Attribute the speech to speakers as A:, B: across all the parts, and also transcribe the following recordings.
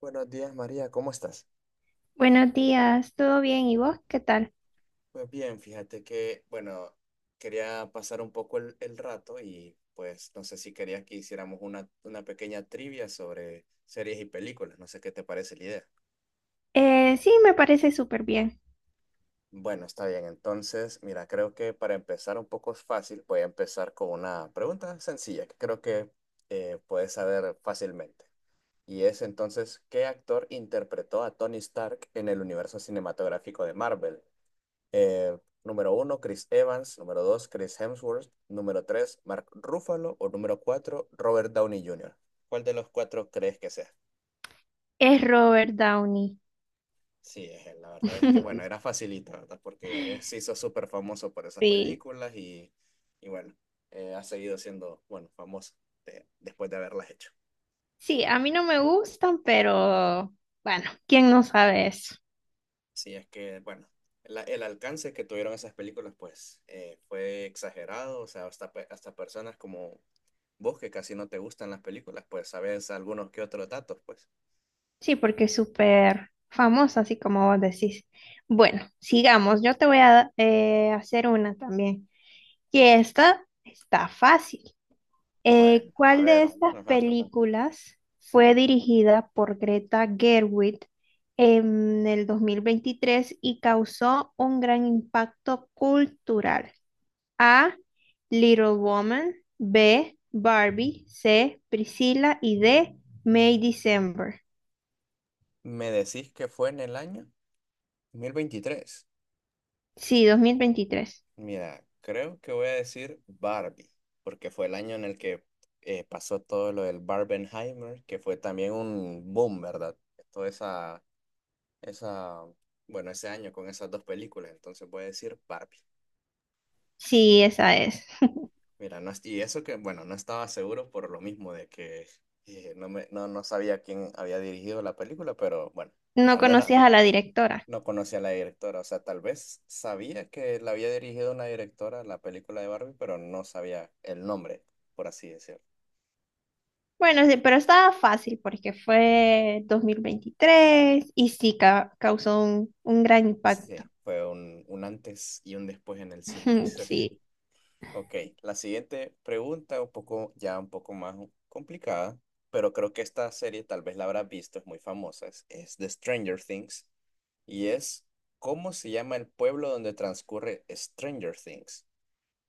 A: Buenos días, María, ¿cómo estás?
B: Buenos días, ¿todo bien? ¿Y vos qué tal?
A: Pues bien, fíjate que, bueno, quería pasar un poco el rato y pues no sé si querías que hiciéramos una pequeña trivia sobre series y películas, no sé qué te parece la idea.
B: Sí, me parece súper bien.
A: Bueno, está bien, entonces, mira, creo que para empezar un poco fácil, voy a empezar con una pregunta sencilla que creo que puedes saber fácilmente. Y es entonces, ¿qué actor interpretó a Tony Stark en el universo cinematográfico de Marvel? Eh, número uno, Chris Evans. Número dos, Chris Hemsworth. Número tres, Mark Ruffalo. O número cuatro, Robert Downey Jr. ¿Cuál de los cuatro crees que sea?
B: Es Robert Downey.
A: Sí, es él. La verdad es que, bueno, era facilita, ¿verdad? Porque él se hizo súper famoso por esas
B: Sí,
A: películas y bueno, ha seguido siendo, bueno, famoso después de haberlas hecho.
B: sí, a mí no me gustan, pero bueno, ¿quién no sabe eso?
A: Sí, es que, bueno, el alcance que tuvieron esas películas, pues, fue exagerado. O sea, hasta, hasta personas como vos que casi no te gustan las películas, pues sabés algunos que otros datos, pues.
B: Sí, porque es súper famoso, así como vos decís. Bueno, sigamos. Yo te voy a hacer una también. Y esta está fácil.
A: Bueno, a
B: ¿Cuál de
A: ver.
B: estas
A: Ajá,
B: películas fue
A: ujú.
B: dirigida por Greta Gerwig en el 2023 y causó un gran impacto cultural? A. Little Woman, B. Barbie, C. Priscilla y D. May December.
A: Me decís que fue en el año 2023.
B: Sí, 2023.
A: Mira, creo que voy a decir Barbie, porque fue el año en el que pasó todo lo del Barbenheimer, que fue también un boom, ¿verdad? Toda esa, bueno, ese año con esas dos películas, entonces voy a decir Barbie.
B: Sí, esa es.
A: Mira, no, y eso que, bueno, no estaba seguro por lo mismo de que no, me, no, no sabía quién había dirigido la película, pero bueno,
B: No
A: al menos
B: conocías a la directora.
A: no conocía a la directora. O sea, tal vez sabía que la había dirigido una directora la película de Barbie, pero no sabía el nombre, por así decirlo.
B: Bueno, sí, pero estaba fácil porque fue 2023 y sí causó un gran impacto.
A: Sí, fue un antes y un después en el cine.
B: Sí.
A: Ok, la siguiente pregunta, un poco, ya un poco más complicada, pero creo que esta serie tal vez la habrás visto, es muy famosa, es de Stranger Things, y es, ¿cómo se llama el pueblo donde transcurre Stranger Things?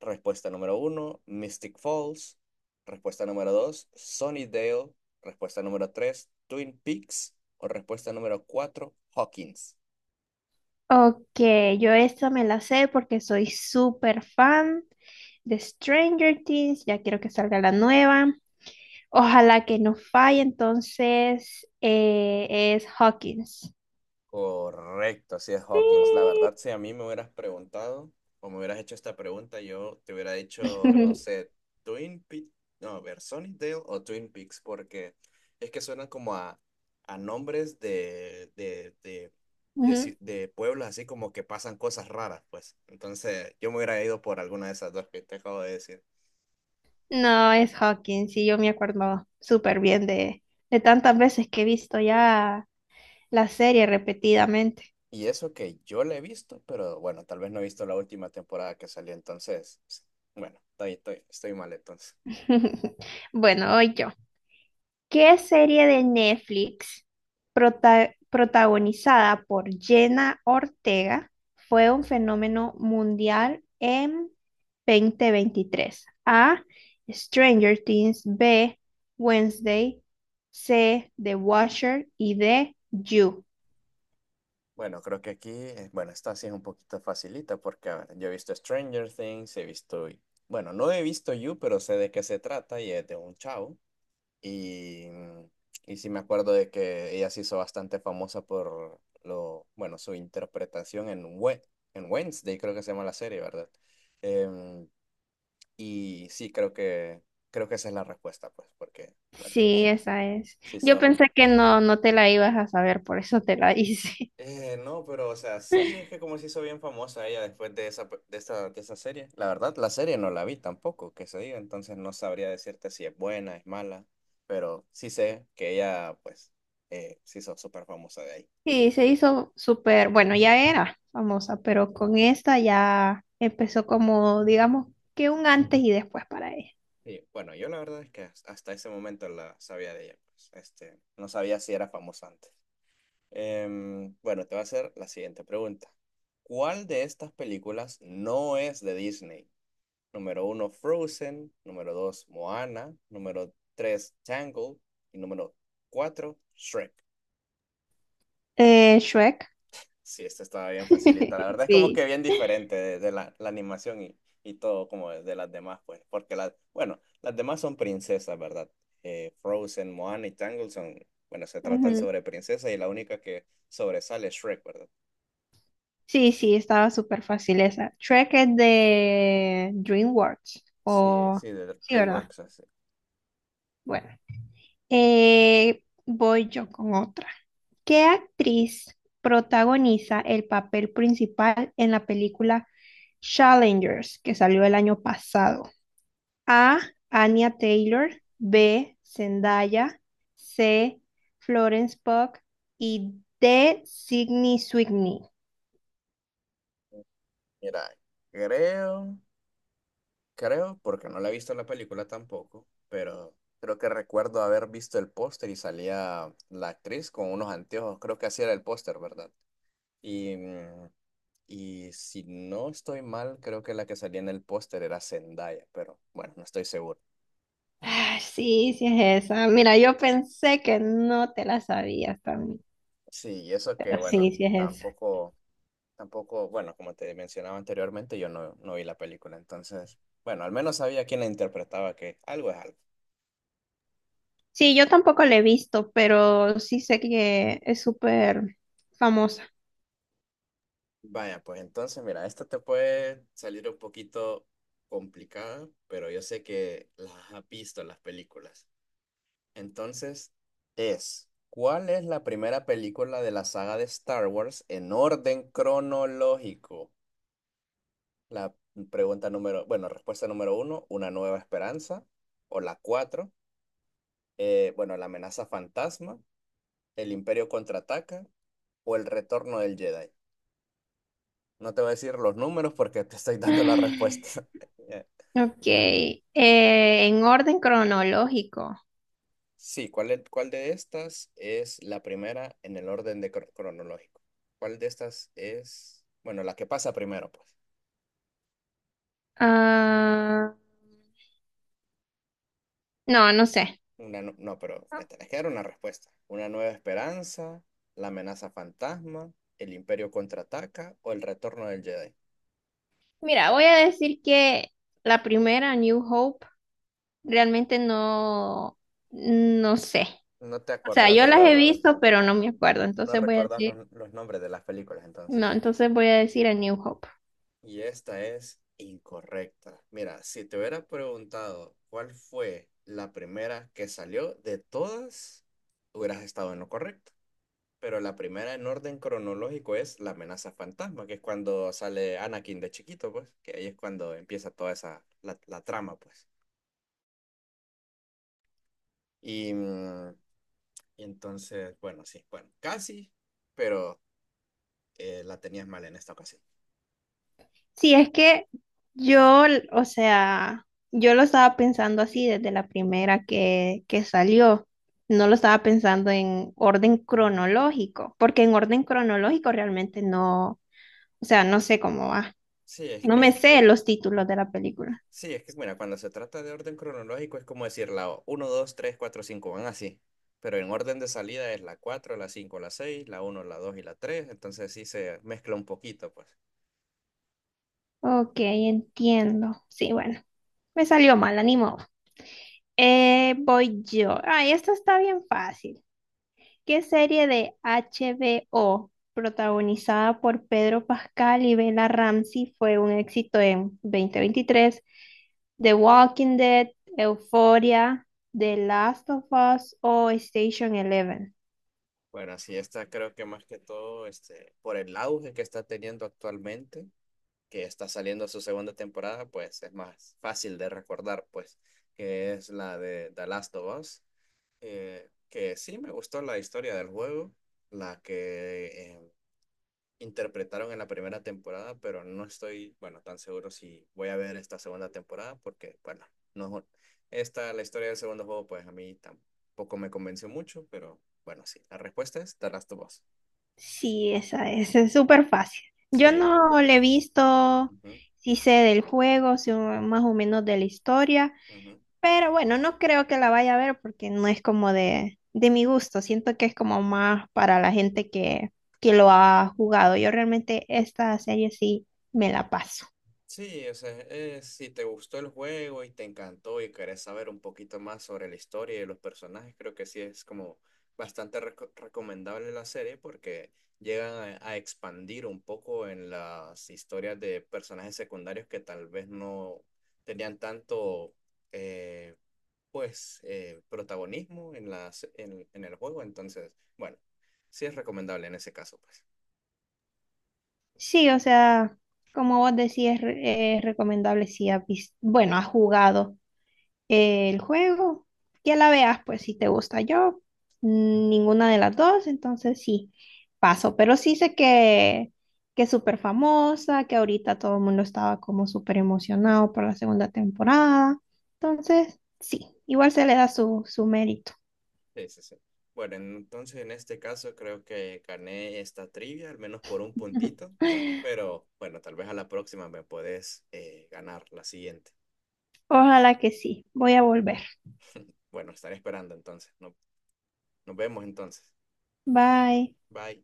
A: Respuesta número uno, Mystic Falls. Respuesta número dos, Sunnydale. Respuesta número tres, Twin Peaks. O respuesta número cuatro, Hawkins.
B: Ok, yo esta me la sé porque soy súper fan de Stranger Things. Ya quiero que salga la nueva. Ojalá que no falle, entonces es Hawkins.
A: Correcto, así es
B: Sí.
A: Hawkins. La verdad, si a mí me hubieras preguntado o me hubieras hecho esta pregunta, yo te hubiera dicho, no sé, Twin Peaks, no, a ver, Sunnydale o Twin Peaks, porque es que suenan como a nombres
B: Ujú.
A: de pueblos así como que pasan cosas raras, pues. Entonces, yo me hubiera ido por alguna de esas dos que te acabo de decir.
B: No, es Hawkins, sí, yo me acuerdo súper bien de tantas veces que he visto ya la serie repetidamente.
A: Y eso que yo la he visto, pero bueno, tal vez no he visto la última temporada que salió, entonces, bueno, estoy mal entonces.
B: Bueno, hoy yo. ¿Qué serie de Netflix protagonizada por Jenna Ortega fue un fenómeno mundial en 2023? A. Stranger Things. B. Wednesday. C. The Watcher. Y D. You.
A: Bueno, creo que aquí, bueno, esta sí es un poquito facilita porque, a ver, yo he visto Stranger Things, he visto, bueno, no he visto You, pero sé de qué se trata y es de un chavo. Y, y sí me acuerdo de que ella se hizo bastante famosa por lo, bueno, su interpretación en, en Wednesday, creo que se llama la serie, ¿verdad? Em, y sí, creo que esa es la respuesta, pues, porque, bueno,
B: Sí,
A: sí,
B: esa es.
A: sí.
B: Yo pensé que no te la ibas a saber, por eso te la hice.
A: No, pero o sea, sí, es que como se hizo bien famosa ella después de esa, de esa serie. La verdad, la serie no la vi tampoco, que se diga, entonces no sabría decirte si es buena, es mala, pero sí sé que ella, pues, se hizo súper famosa de ahí.
B: Sí, se hizo súper, bueno, ya era famosa, pero con esta ya empezó como, digamos, que un antes y después para ella.
A: Sí bueno, yo la verdad es que hasta ese momento la sabía de ella, pues, este, no sabía si era famosa antes. Bueno, te voy a hacer la siguiente pregunta. ¿Cuál de estas películas no es de Disney? Número uno, Frozen. Número dos, Moana. Número tres, Tangled. Y número cuatro, Shrek.
B: Shrek.
A: Sí, esta estaba bien facilita. La verdad es como
B: Sí.
A: que bien diferente de la animación y todo como de las demás, pues. Porque las, bueno, las demás son princesas, ¿verdad? Frozen, Moana y Tangled son, bueno, se tratan
B: Ujú.
A: sobre princesas y la única que sobresale es Shrek, ¿verdad?
B: Sí, sí, estaba súper fácil esa. Shrek es de DreamWorks.
A: Sí,
B: O...
A: sí, de
B: Sí, ¿verdad?
A: DreamWorks, así.
B: Bueno. Voy yo con otra. ¿Qué actriz protagoniza el papel principal en la película Challengers que salió el año pasado? A. Anya Taylor. B. Zendaya. C. Florence Pugh. Y D. Sydney Sweeney.
A: Mira, creo. Creo, porque no la he visto la película tampoco, pero creo que recuerdo haber visto el póster y salía la actriz con unos anteojos, creo que así era el póster, ¿verdad? Y, y si no estoy mal, creo que la que salía en el póster era Zendaya, pero bueno, no estoy seguro.
B: Ah, sí, sí es esa. Mira, yo pensé que no te la sabías también,
A: Sí, y eso que
B: pero
A: bueno,
B: sí, sí es esa.
A: tampoco, tampoco, bueno, como te mencionaba anteriormente, yo no, no vi la película, entonces, bueno, al menos sabía quién la interpretaba, que algo es algo.
B: Sí, yo tampoco la he visto, pero sí sé que es súper famosa.
A: Vaya, pues entonces, mira, esta te puede salir un poquito complicada, pero yo sé que las has visto en las películas. Entonces, es, ¿cuál es la primera película de la saga de Star Wars en orden cronológico? La pregunta número, bueno, respuesta número uno, Una Nueva Esperanza, o la cuatro, bueno, La Amenaza Fantasma, El Imperio Contraataca, o El Retorno del Jedi. No te voy a decir los números porque te estoy dando la respuesta.
B: Ok, en orden cronológico.
A: Sí, ¿ cuál de estas es la primera en el orden de cronológico? ¿Cuál de estas es, bueno, la que pasa primero, pues?
B: Ah, no, no sé.
A: No, pero me tenés que dar una respuesta. ¿Una nueva esperanza, la amenaza fantasma, el imperio contraataca o el retorno del Jedi?
B: Mira, voy a decir que la primera, New Hope, realmente no, no sé.
A: No te
B: O sea,
A: acordás
B: yo
A: de
B: las he
A: los...
B: visto, pero
A: Ajá.
B: no me acuerdo.
A: No
B: Entonces voy a
A: recordás
B: decir,
A: los nombres de las películas, entonces.
B: no, entonces voy a decir a New Hope.
A: Y esta es incorrecta. Mira, si te hubiera preguntado cuál fue la primera que salió de todas, hubieras estado en lo correcto. Pero la primera en orden cronológico es la amenaza fantasma, que es cuando sale Anakin de chiquito, pues, que ahí es cuando empieza toda esa, la trama, pues. Y, y entonces, bueno, sí, bueno, casi, pero la tenías mal en esta ocasión.
B: Sí, es que yo, o sea, yo lo estaba pensando así desde la primera que salió. No lo estaba pensando en orden cronológico, porque en orden cronológico realmente no, o sea, no sé cómo va.
A: Sí, es
B: No me
A: que
B: sé los títulos de la película.
A: sí, es que, mira, cuando se trata de orden cronológico es como decir la uno 2 3 4 5 van así. Pero en orden de salida es la 4 la 5 la 6 la uno la 2 y la tres. Entonces sí se mezcla un poquito, pues.
B: Ok, entiendo. Sí, bueno, me salió mal, ni modo. Voy yo. Ay, esto está bien fácil. ¿Qué serie de HBO protagonizada por Pedro Pascal y Bella Ramsey fue un éxito en 2023? The Walking Dead, Euphoria, The Last of Us o Station Eleven.
A: Bueno, así está, creo que más que todo, este, por el auge que está teniendo actualmente, que está saliendo su segunda temporada, pues es más fácil de recordar, pues, que es la de The Last of Us. Que sí me gustó la historia del juego, la que eh, interpretaron en la primera temporada, pero no estoy, bueno, tan seguro si voy a ver esta segunda temporada porque, bueno, no, esta, la historia del segundo juego, pues a mí tampoco me convenció mucho, pero bueno, sí, la respuesta es The Last of Us.
B: Sí, esa es súper fácil. Yo
A: Sí, la.
B: no le he visto,
A: Ujú,
B: sí sé del juego, sí, más o menos de la historia,
A: ujú.
B: pero bueno, no creo que la vaya a ver porque no es como de mi gusto. Siento que es como más para la gente que lo ha jugado. Yo realmente esta serie sí me la paso.
A: Sí, o sea, si te gustó el juego y te encantó y querés saber un poquito más sobre la historia y los personajes, creo que sí es como bastante recomendable la serie porque llegan a expandir un poco en las historias de personajes secundarios que tal vez no tenían tanto, eh, protagonismo en las, en el juego. Entonces, bueno, sí es recomendable en ese caso, pues.
B: Sí, o sea, como vos decís, es, es recomendable si bueno, has jugado. El juego, ya la veas, pues si te gusta yo, ninguna de las dos, entonces sí, paso, pero sí sé que es súper famosa, que ahorita todo el mundo estaba como súper emocionado por la segunda temporada, entonces sí, igual se le da su mérito.
A: Sí, sí, sí. Bueno, entonces en este caso creo que gané esta trivia, al menos por un puntito, pero bueno, tal vez a la próxima me podés ganar la siguiente.
B: Ojalá que sí, voy a volver.
A: Bueno, estaré esperando entonces. Nos vemos entonces.
B: Bye.
A: Bye.